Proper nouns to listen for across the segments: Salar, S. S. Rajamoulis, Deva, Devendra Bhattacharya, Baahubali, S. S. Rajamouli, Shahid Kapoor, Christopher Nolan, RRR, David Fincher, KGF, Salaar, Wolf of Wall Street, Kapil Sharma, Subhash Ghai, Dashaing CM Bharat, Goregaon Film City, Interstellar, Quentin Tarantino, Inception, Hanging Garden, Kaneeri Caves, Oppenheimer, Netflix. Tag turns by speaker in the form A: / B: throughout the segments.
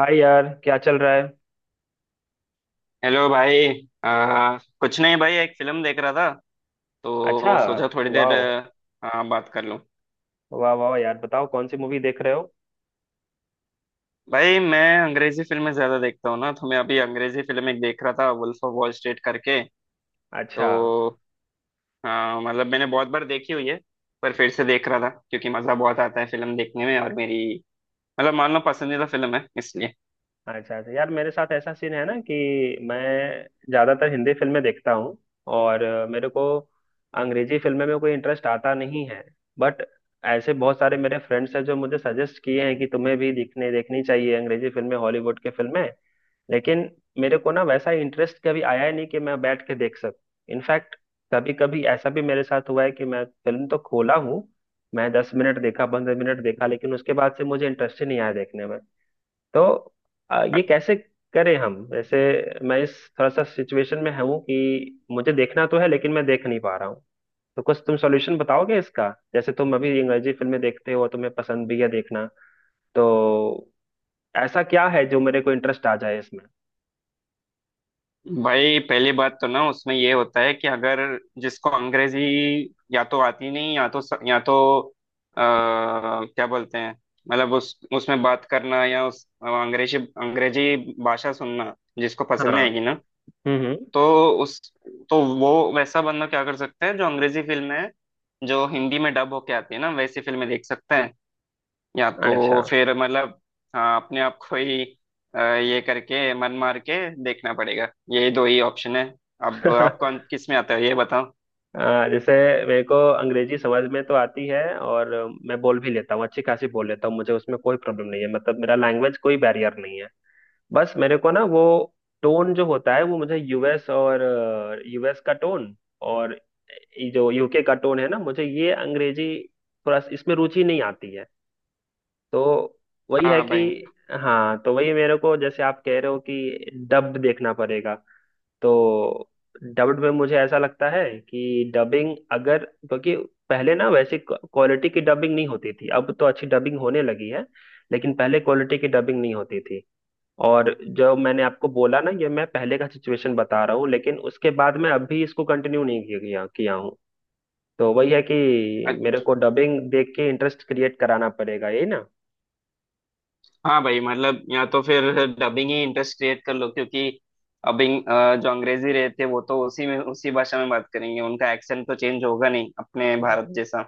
A: हाय यार, क्या चल रहा है।
B: हेलो भाई। कुछ नहीं भाई, एक फिल्म देख रहा था
A: अच्छा।
B: तो सोचा थोड़ी देर
A: वाह।
B: बात कर लूं।
A: वाह वाह यार, बताओ कौन सी मूवी देख रहे हो।
B: भाई, मैं अंग्रेजी फिल्में ज्यादा देखता हूँ ना, तो मैं अभी अंग्रेजी फिल्म एक देख रहा था, वुल्फ ऑफ वॉल स्ट्रीट करके।
A: अच्छा।
B: तो मतलब मैंने बहुत बार देखी हुई है, पर फिर से देख रहा था क्योंकि मजा बहुत आता है फिल्म देखने में, और मेरी मतलब मान लो पसंदीदा फिल्म है इसलिए।
A: अच्छा अच्छा यार, मेरे साथ ऐसा सीन है ना कि मैं ज्यादातर हिंदी फिल्में देखता हूँ, और मेरे को अंग्रेजी फिल्में में कोई इंटरेस्ट आता नहीं है। बट ऐसे बहुत सारे मेरे फ्रेंड्स हैं जो मुझे सजेस्ट किए हैं कि तुम्हें भी देखने देखनी चाहिए अंग्रेजी फिल्में, हॉलीवुड के फिल्में। लेकिन मेरे को ना वैसा इंटरेस्ट कभी आया ही नहीं कि मैं बैठ के देख सकूं। इनफैक्ट कभी कभी ऐसा भी मेरे साथ हुआ है कि मैं फिल्म तो खोला हूँ, मैं 10 मिनट देखा, 15 मिनट देखा, लेकिन उसके बाद से मुझे इंटरेस्ट ही नहीं आया देखने में। तो ये कैसे करें हम। जैसे मैं इस थोड़ा सा सिचुएशन में हूँ कि मुझे देखना तो है लेकिन मैं देख नहीं पा रहा हूँ। तो कुछ तुम सॉल्यूशन बताओगे इसका। जैसे तुम अभी अंग्रेजी फिल्में देखते हो, तुम्हें पसंद भी है देखना, तो ऐसा क्या है जो मेरे को इंटरेस्ट आ जाए इसमें।
B: भाई, पहली बात तो ना उसमें ये होता है कि अगर जिसको अंग्रेजी या तो आती नहीं, या तो आ, क्या बोलते हैं, मतलब उस उसमें बात करना या उस अंग्रेजी अंग्रेजी भाषा सुनना जिसको पसंद
A: हाँ।
B: नहीं आएगी ना।
A: हम्म।
B: तो उस तो वो वैसा बंदा क्या कर सकता है, जो अंग्रेजी फिल्म है जो हिंदी में डब होके आती है ना, वैसी फिल्में देख सकता है, या
A: अच्छा।
B: तो फिर मतलब हाँ, अपने आप को ही ये करके मन मार के देखना पड़ेगा, यही दो ही ऑप्शन है। अब आप कौन किस में आता है ये बताओ।
A: जैसे मेरे को अंग्रेजी समझ में तो आती है, और मैं बोल भी लेता हूँ, अच्छी खासी बोल लेता हूँ, मुझे उसमें कोई प्रॉब्लम नहीं है, मतलब मेरा लैंग्वेज कोई बैरियर नहीं है। बस मेरे को ना वो टोन जो होता है, वो मुझे यूएस और यूएस का टोन और ये जो यूके का टोन है ना, मुझे ये अंग्रेजी थोड़ा इसमें रुचि नहीं आती है। तो वही है
B: हाँ
A: कि,
B: भाई।
A: हाँ, तो वही मेरे को जैसे आप कह रहे हो कि डब देखना पड़ेगा, तो डब्ड में मुझे ऐसा लगता है कि डबिंग अगर, क्योंकि पहले ना वैसे क्वालिटी की डबिंग नहीं होती थी, अब तो अच्छी डबिंग होने लगी है, लेकिन पहले क्वालिटी की डबिंग नहीं होती थी। और जो मैंने आपको बोला ना, ये मैं पहले का सिचुएशन बता रहा हूँ, लेकिन उसके बाद मैं अभी इसको कंटिन्यू नहीं किया किया हूँ। तो वही है कि
B: अ-
A: मेरे को डबिंग देख के इंटरेस्ट क्रिएट कराना पड़ेगा, यही ना।
B: हाँ भाई, मतलब या तो फिर डबिंग ही इंटरेस्ट क्रिएट कर लो, क्योंकि अबिंग जो अंग्रेजी रहते वो तो उसी में उसी भाषा में बात करेंगे, उनका एक्सेंट तो चेंज होगा नहीं, अपने भारत जैसा।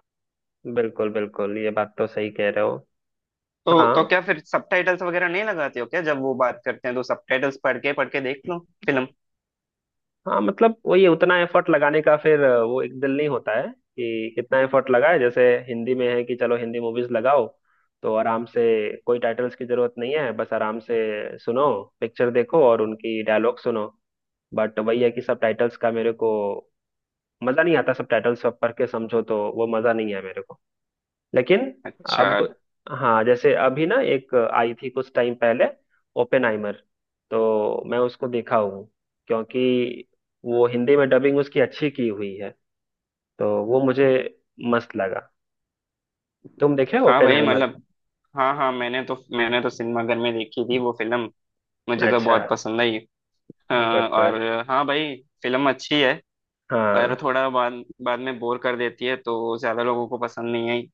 A: बिल्कुल बिल्कुल, ये बात तो सही कह रहे हो।
B: तो
A: हाँ।
B: क्या फिर सबटाइटल्स वगैरह नहीं लगाते हो क्या? जब वो बात करते हैं तो सबटाइटल्स पढ़ के देख लो फिल्म।
A: हाँ मतलब वही, उतना एफर्ट लगाने का फिर वो एक दिल नहीं होता है कि कितना एफर्ट लगाए। जैसे हिंदी में है कि चलो हिंदी मूवीज लगाओ, तो आराम से, कोई टाइटल्स की जरूरत नहीं है, बस आराम से सुनो, पिक्चर देखो और उनकी डायलॉग सुनो। बट वही है कि सब टाइटल्स का मेरे को मजा नहीं आता, सब टाइटल्स सब पढ़ के समझो, तो वो मजा नहीं है मेरे को। लेकिन
B: अच्छा।
A: अब, हाँ, जैसे अभी ना एक आई थी कुछ टाइम पहले, ओपेनहाइमर, तो मैं उसको देखा हूँ क्योंकि वो हिंदी में डबिंग उसकी अच्छी की हुई है, तो वो मुझे मस्त लगा। तुम देखे
B: हाँ भाई,
A: ओपेनहाइमर।
B: मतलब हाँ हाँ, मैंने तो सिनेमाघर में देखी थी वो फिल्म। मुझे तो
A: अच्छा।
B: बहुत पसंद आई।
A: गुड
B: और
A: गुड।
B: हाँ भाई, फिल्म अच्छी है, पर
A: हाँ।
B: थोड़ा बाद बाद में बोर कर देती है तो ज्यादा लोगों को पसंद नहीं आई।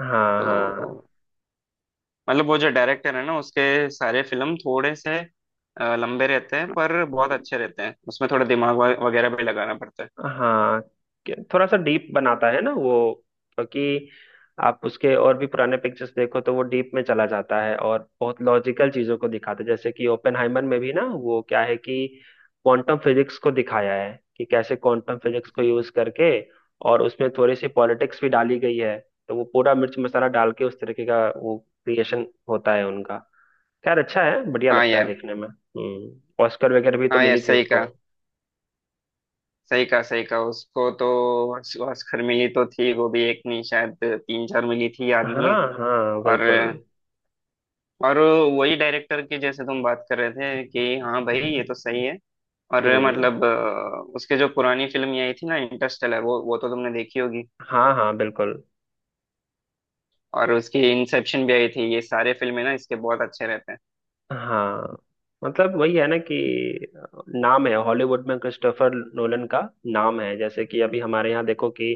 A: हाँ। हाँ।
B: तो मतलब वो जो डायरेक्टर है ना, उसके सारे फिल्म थोड़े से लंबे रहते हैं, पर बहुत अच्छे रहते हैं, उसमें थोड़ा दिमाग वगैरह भी लगाना पड़ता है।
A: हाँ थोड़ा सा डीप बनाता है ना वो, क्योंकि आप उसके और भी पुराने पिक्चर्स देखो तो वो डीप में चला जाता है और बहुत लॉजिकल चीजों को दिखाता है। जैसे कि ओपेनहाइमर में भी ना वो क्या है कि क्वांटम फिजिक्स को दिखाया है कि कैसे क्वांटम फिजिक्स को यूज करके, और उसमें थोड़ी सी पॉलिटिक्स भी डाली गई है, तो वो पूरा मिर्च मसाला डाल के उस तरीके का वो क्रिएशन होता है उनका। खैर, अच्छा है, बढ़िया
B: हाँ
A: लगता है
B: यार,
A: देखने में। हम्म, ऑस्कर वगैरह भी तो
B: हाँ यार,
A: मिली थी
B: सही
A: उसको।
B: कहा, सही कहा, सही कहा। उसको तो ऑस्कर मिली तो थी, वो भी एक नहीं शायद तीन चार मिली थी, याद नहीं है।
A: हाँ हाँ
B: और
A: बिल्कुल।
B: और वही डायरेक्टर की, जैसे तुम बात कर रहे थे कि हाँ भाई, ये तो सही है। और
A: हम्म।
B: मतलब उसके जो पुरानी फिल्म ये आई थी ना, इंटरस्टेलर, वो तो तुमने देखी होगी।
A: हाँ हाँ बिल्कुल।
B: और उसकी इंसेप्शन भी आई थी, ये सारे फिल्में ना इसके बहुत अच्छे रहते हैं।
A: हाँ, मतलब वही है ना कि नाम है हॉलीवुड में क्रिस्टोफर नोलन का नाम है। जैसे कि अभी हमारे यहाँ देखो कि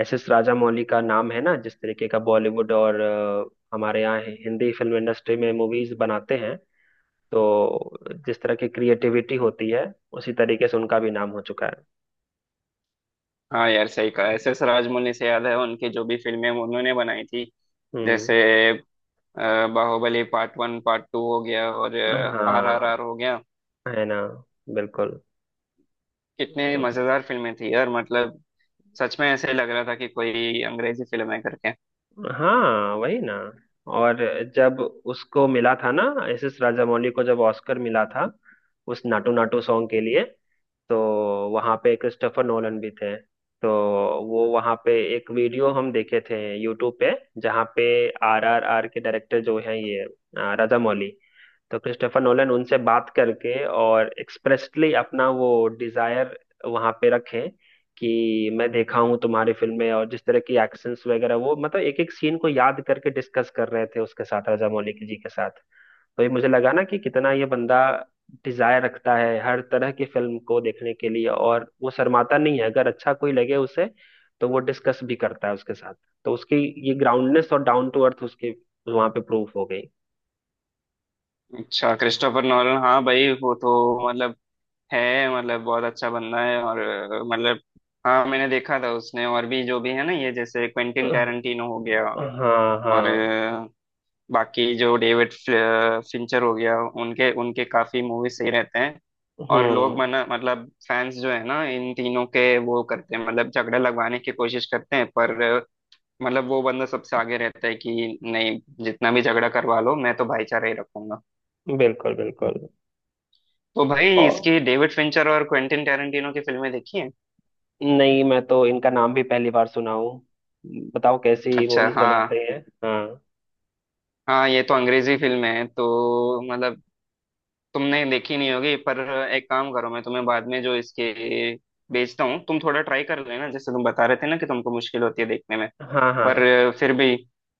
A: एस एस राजामौली का नाम है ना, जिस तरीके का बॉलीवुड और हमारे यहाँ हिंदी फिल्म इंडस्ट्री में मूवीज बनाते हैं, तो जिस तरह की क्रिएटिविटी होती है, उसी तरीके से उनका भी नाम हो चुका है।
B: हाँ यार, सही कहा, एस एस राजमौली से याद है उनकी जो भी फिल्में उन्होंने बनाई थी।
A: हम्म।
B: जैसे अ, बाहुबली पार्ट 1 पार्ट 2 हो गया, और आर आर
A: हाँ,
B: आर हो गया।
A: है ना, बिल्कुल।
B: कितने मजेदार फिल्में थी यार, मतलब सच में ऐसे लग रहा था कि कोई अंग्रेजी फिल्म है करके।
A: हाँ, वही ना। और जब उसको मिला था ना, एस एस राजामौली को जब ऑस्कर मिला था उस नाटू नाटू सॉन्ग के लिए, तो वहां पे क्रिस्टोफर नोलन भी थे। तो वो वहां पे एक वीडियो हम देखे थे यूट्यूब पे, जहाँ पे आर आर आर के डायरेक्टर जो हैं ये राजामौली, तो क्रिस्टोफर नोलन उनसे बात करके और एक्सप्रेसली अपना वो डिजायर वहां पे रखें कि मैं देखा हूँ तुम्हारी फिल्में, और जिस तरह की एक्शंस वगैरह, वो मतलब एक एक सीन को याद करके डिस्कस कर रहे थे उसके साथ, रजा मौलिक जी के साथ। तो ये मुझे लगा ना कि कितना ये बंदा डिजायर रखता है हर तरह की फिल्म को देखने के लिए, और वो शर्माता नहीं है अगर अच्छा कोई लगे उसे, तो वो डिस्कस भी करता है उसके साथ। तो उसकी ये ग्राउंडनेस और डाउन टू अर्थ उसकी वहां पे प्रूफ हो गई।
B: अच्छा, क्रिस्टोफर नॉलन, हाँ भाई, वो तो मतलब है, मतलब बहुत अच्छा बंदा है, और मतलब हाँ, मैंने देखा था, उसने और भी जो भी है ना, ये जैसे क्वेंटिन
A: हाँ
B: टैरेंटिनो हो गया। और
A: हाँ।
B: बाकी जो डेविड फिंचर हो गया, उनके उनके काफी मूवी सही रहते हैं। और लोग
A: हम्म।
B: मना, मतलब फैंस जो है ना, इन तीनों के, वो करते हैं मतलब झगड़ा लगवाने की कोशिश करते हैं, पर मतलब वो बंदा सबसे आगे रहता है कि नहीं, जितना भी झगड़ा करवा लो मैं तो भाईचारा ही रखूंगा।
A: बिल्कुल बिल्कुल।
B: तो भाई,
A: और
B: इसकी डेविड फिंचर और क्वेंटिन टेरेंटिनो की फिल्में देखी हैं?
A: नहीं, मैं तो इनका नाम भी पहली बार सुना हूँ, बताओ कैसी
B: अच्छा।
A: मूवीज
B: हाँ
A: बनाते हैं। हाँ।
B: हाँ, ये तो अंग्रेजी फिल्म है तो मतलब तुमने देखी नहीं होगी, पर एक काम करो, मैं तुम्हें बाद में जो इसके भेजता हूँ तुम थोड़ा ट्राई कर लेना, जैसे तुम बता रहे थे ना कि तुमको मुश्किल होती है देखने में,
A: हाँ। हाँ
B: पर फिर भी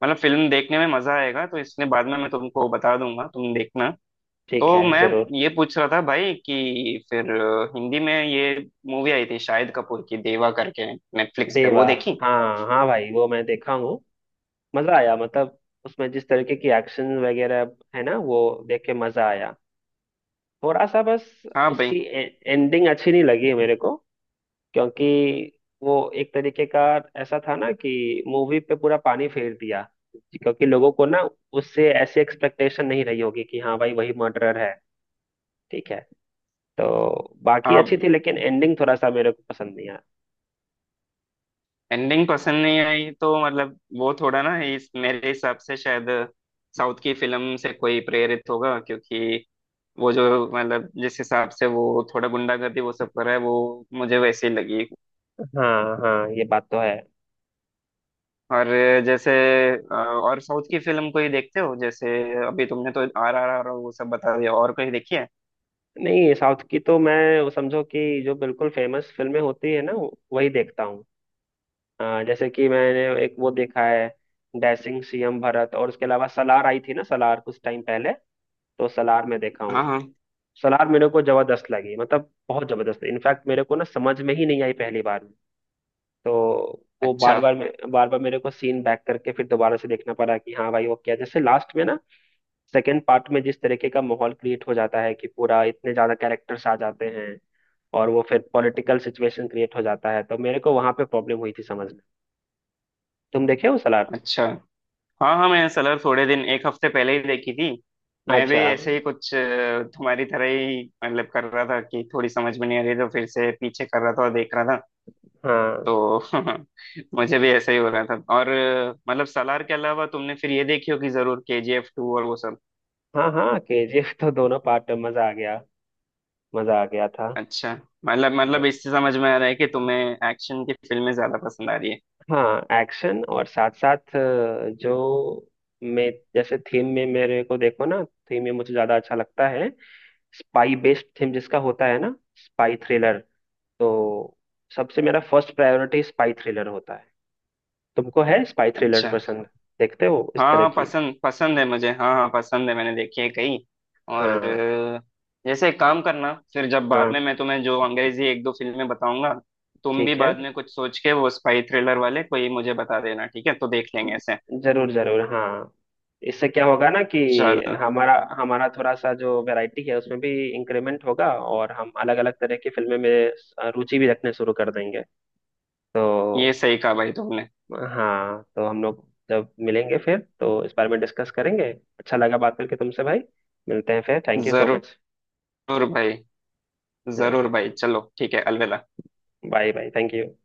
B: मतलब फिल्म देखने में मजा आएगा, तो इसलिए बाद में मैं तुमको बता दूंगा, तुम देखना।
A: ठीक
B: तो
A: है,
B: मैं
A: जरूर।
B: ये पूछ रहा था भाई कि फिर हिंदी में ये मूवी आई थी शाहिद कपूर की, देवा करके, नेटफ्लिक्स पे,
A: देवा,
B: वो देखी?
A: हाँ हाँ भाई, वो मैं देखा हूँ। मजा आया, मतलब उसमें जिस तरीके की एक्शन वगैरह है ना, वो देख के मजा आया। थोड़ा सा बस
B: हाँ भाई,
A: उसकी एंडिंग अच्छी नहीं लगी मेरे को, क्योंकि वो एक तरीके का ऐसा था ना कि मूवी पे पूरा पानी फेर दिया, क्योंकि लोगों को ना उससे ऐसी एक्सपेक्टेशन नहीं रही होगी कि हाँ भाई वही मर्डरर है, ठीक है। तो बाकी अच्छी
B: हाँ।
A: थी, लेकिन एंडिंग थोड़ा सा मेरे को पसंद नहीं आया।
B: एंडिंग पसंद नहीं आई तो मतलब वो थोड़ा ना, इस मेरे हिसाब से शायद साउथ की फिल्म से कोई प्रेरित होगा, क्योंकि वो जो मतलब जिस हिसाब से वो थोड़ा गुंडागर्दी वो सब कर रहा है, वो मुझे वैसे ही लगी।
A: हाँ हाँ, ये बात तो है।
B: और जैसे और साउथ की फिल्म कोई देखते हो? जैसे अभी तुमने तो RRR वो सब बता दिया, और कोई देखी है?
A: नहीं, साउथ की तो मैं वो समझो कि जो बिल्कुल फेमस फिल्में होती है ना, वही देखता हूँ। हाँ, जैसे कि मैंने एक वो देखा है, डैशिंग सीएम भरत, और उसके अलावा सलार आई थी ना, सलार, कुछ टाइम पहले, तो सलार में देखा
B: हाँ
A: हूँ।
B: हाँ,
A: सलार मेरे को जबरदस्त लगी, मतलब बहुत जबरदस्त, इनफैक्ट मेरे को ना समझ में ही नहीं आई पहली बार में। तो वो
B: अच्छा
A: बार बार मेरे को सीन बैक करके फिर दोबारा से देखना पड़ा कि हाँ भाई वो क्या, जैसे लास्ट में ना सेकंड पार्ट में जिस तरीके का माहौल क्रिएट हो जाता है कि पूरा इतने ज्यादा कैरेक्टर्स आ जाते हैं और वो फिर पॉलिटिकल सिचुएशन क्रिएट हो जाता है, तो मेरे को वहां पे प्रॉब्लम हुई थी समझ में। तुम देखे हो सलार।
B: अच्छा, हाँ हाँ, मैं सलर थोड़े दिन, एक हफ्ते पहले ही देखी थी। मैं भी
A: अच्छा।
B: ऐसे ही कुछ तुम्हारी तरह ही मतलब कर रहा था कि थोड़ी समझ में नहीं आ रही, तो फिर से पीछे कर रहा था और देख रहा था।
A: हाँ।
B: तो मुझे भी ऐसा ही हो रहा था, और मतलब सलार के अलावा तुमने फिर ये देखी होगी जरूर, KGF 2 और वो सब।
A: हाँ हाँ केजीएफ तो दोनों पार्ट में मजा आ गया, मजा आ गया था।
B: अच्छा, मतलब इससे समझ में आ रहा है कि तुम्हें एक्शन की फिल्में ज्यादा पसंद आ रही है।
A: हाँ, एक्शन, और साथ साथ जो मैं, जैसे थीम में मेरे को देखो ना, थीम में मुझे ज्यादा अच्छा लगता है स्पाई बेस्ड थीम जिसका होता है ना, स्पाई थ्रिलर, तो सबसे मेरा फर्स्ट प्रायोरिटी स्पाई थ्रिलर होता है। तुमको है स्पाई थ्रिलर
B: अच्छा।
A: पसंद, देखते हो
B: हाँ
A: इस तरह
B: हाँ,
A: की।
B: पसंद पसंद है मुझे, हाँ हाँ पसंद है, मैंने देखी है कई। और
A: हाँ।
B: जैसे एक काम करना, फिर जब बाद
A: हाँ
B: में मैं तुम्हें जो अंग्रेजी एक दो फिल्में बताऊंगा, तुम भी
A: ठीक है,
B: बाद में कुछ सोच के वो स्पाई थ्रिलर वाले कोई मुझे बता देना, ठीक है तो देख लेंगे ऐसे।
A: जरूर जरूर, हाँ। इससे क्या होगा ना कि
B: चल,
A: हमारा हमारा थोड़ा सा जो वैरायटी है उसमें भी इंक्रीमेंट होगा, और हम अलग अलग तरह की फिल्में में रुचि भी रखने शुरू कर देंगे तो।
B: ये सही कहा भाई तुमने।
A: हाँ, तो हम लोग जब मिलेंगे फिर तो इस बारे में डिस्कस करेंगे। अच्छा लगा बात करके तुमसे भाई, मिलते हैं फिर, थैंक यू सो मच।
B: जरूर भाई, जरूर
A: जरूर।
B: भाई, चलो ठीक है, अलविदा।
A: Bye bye, thank you.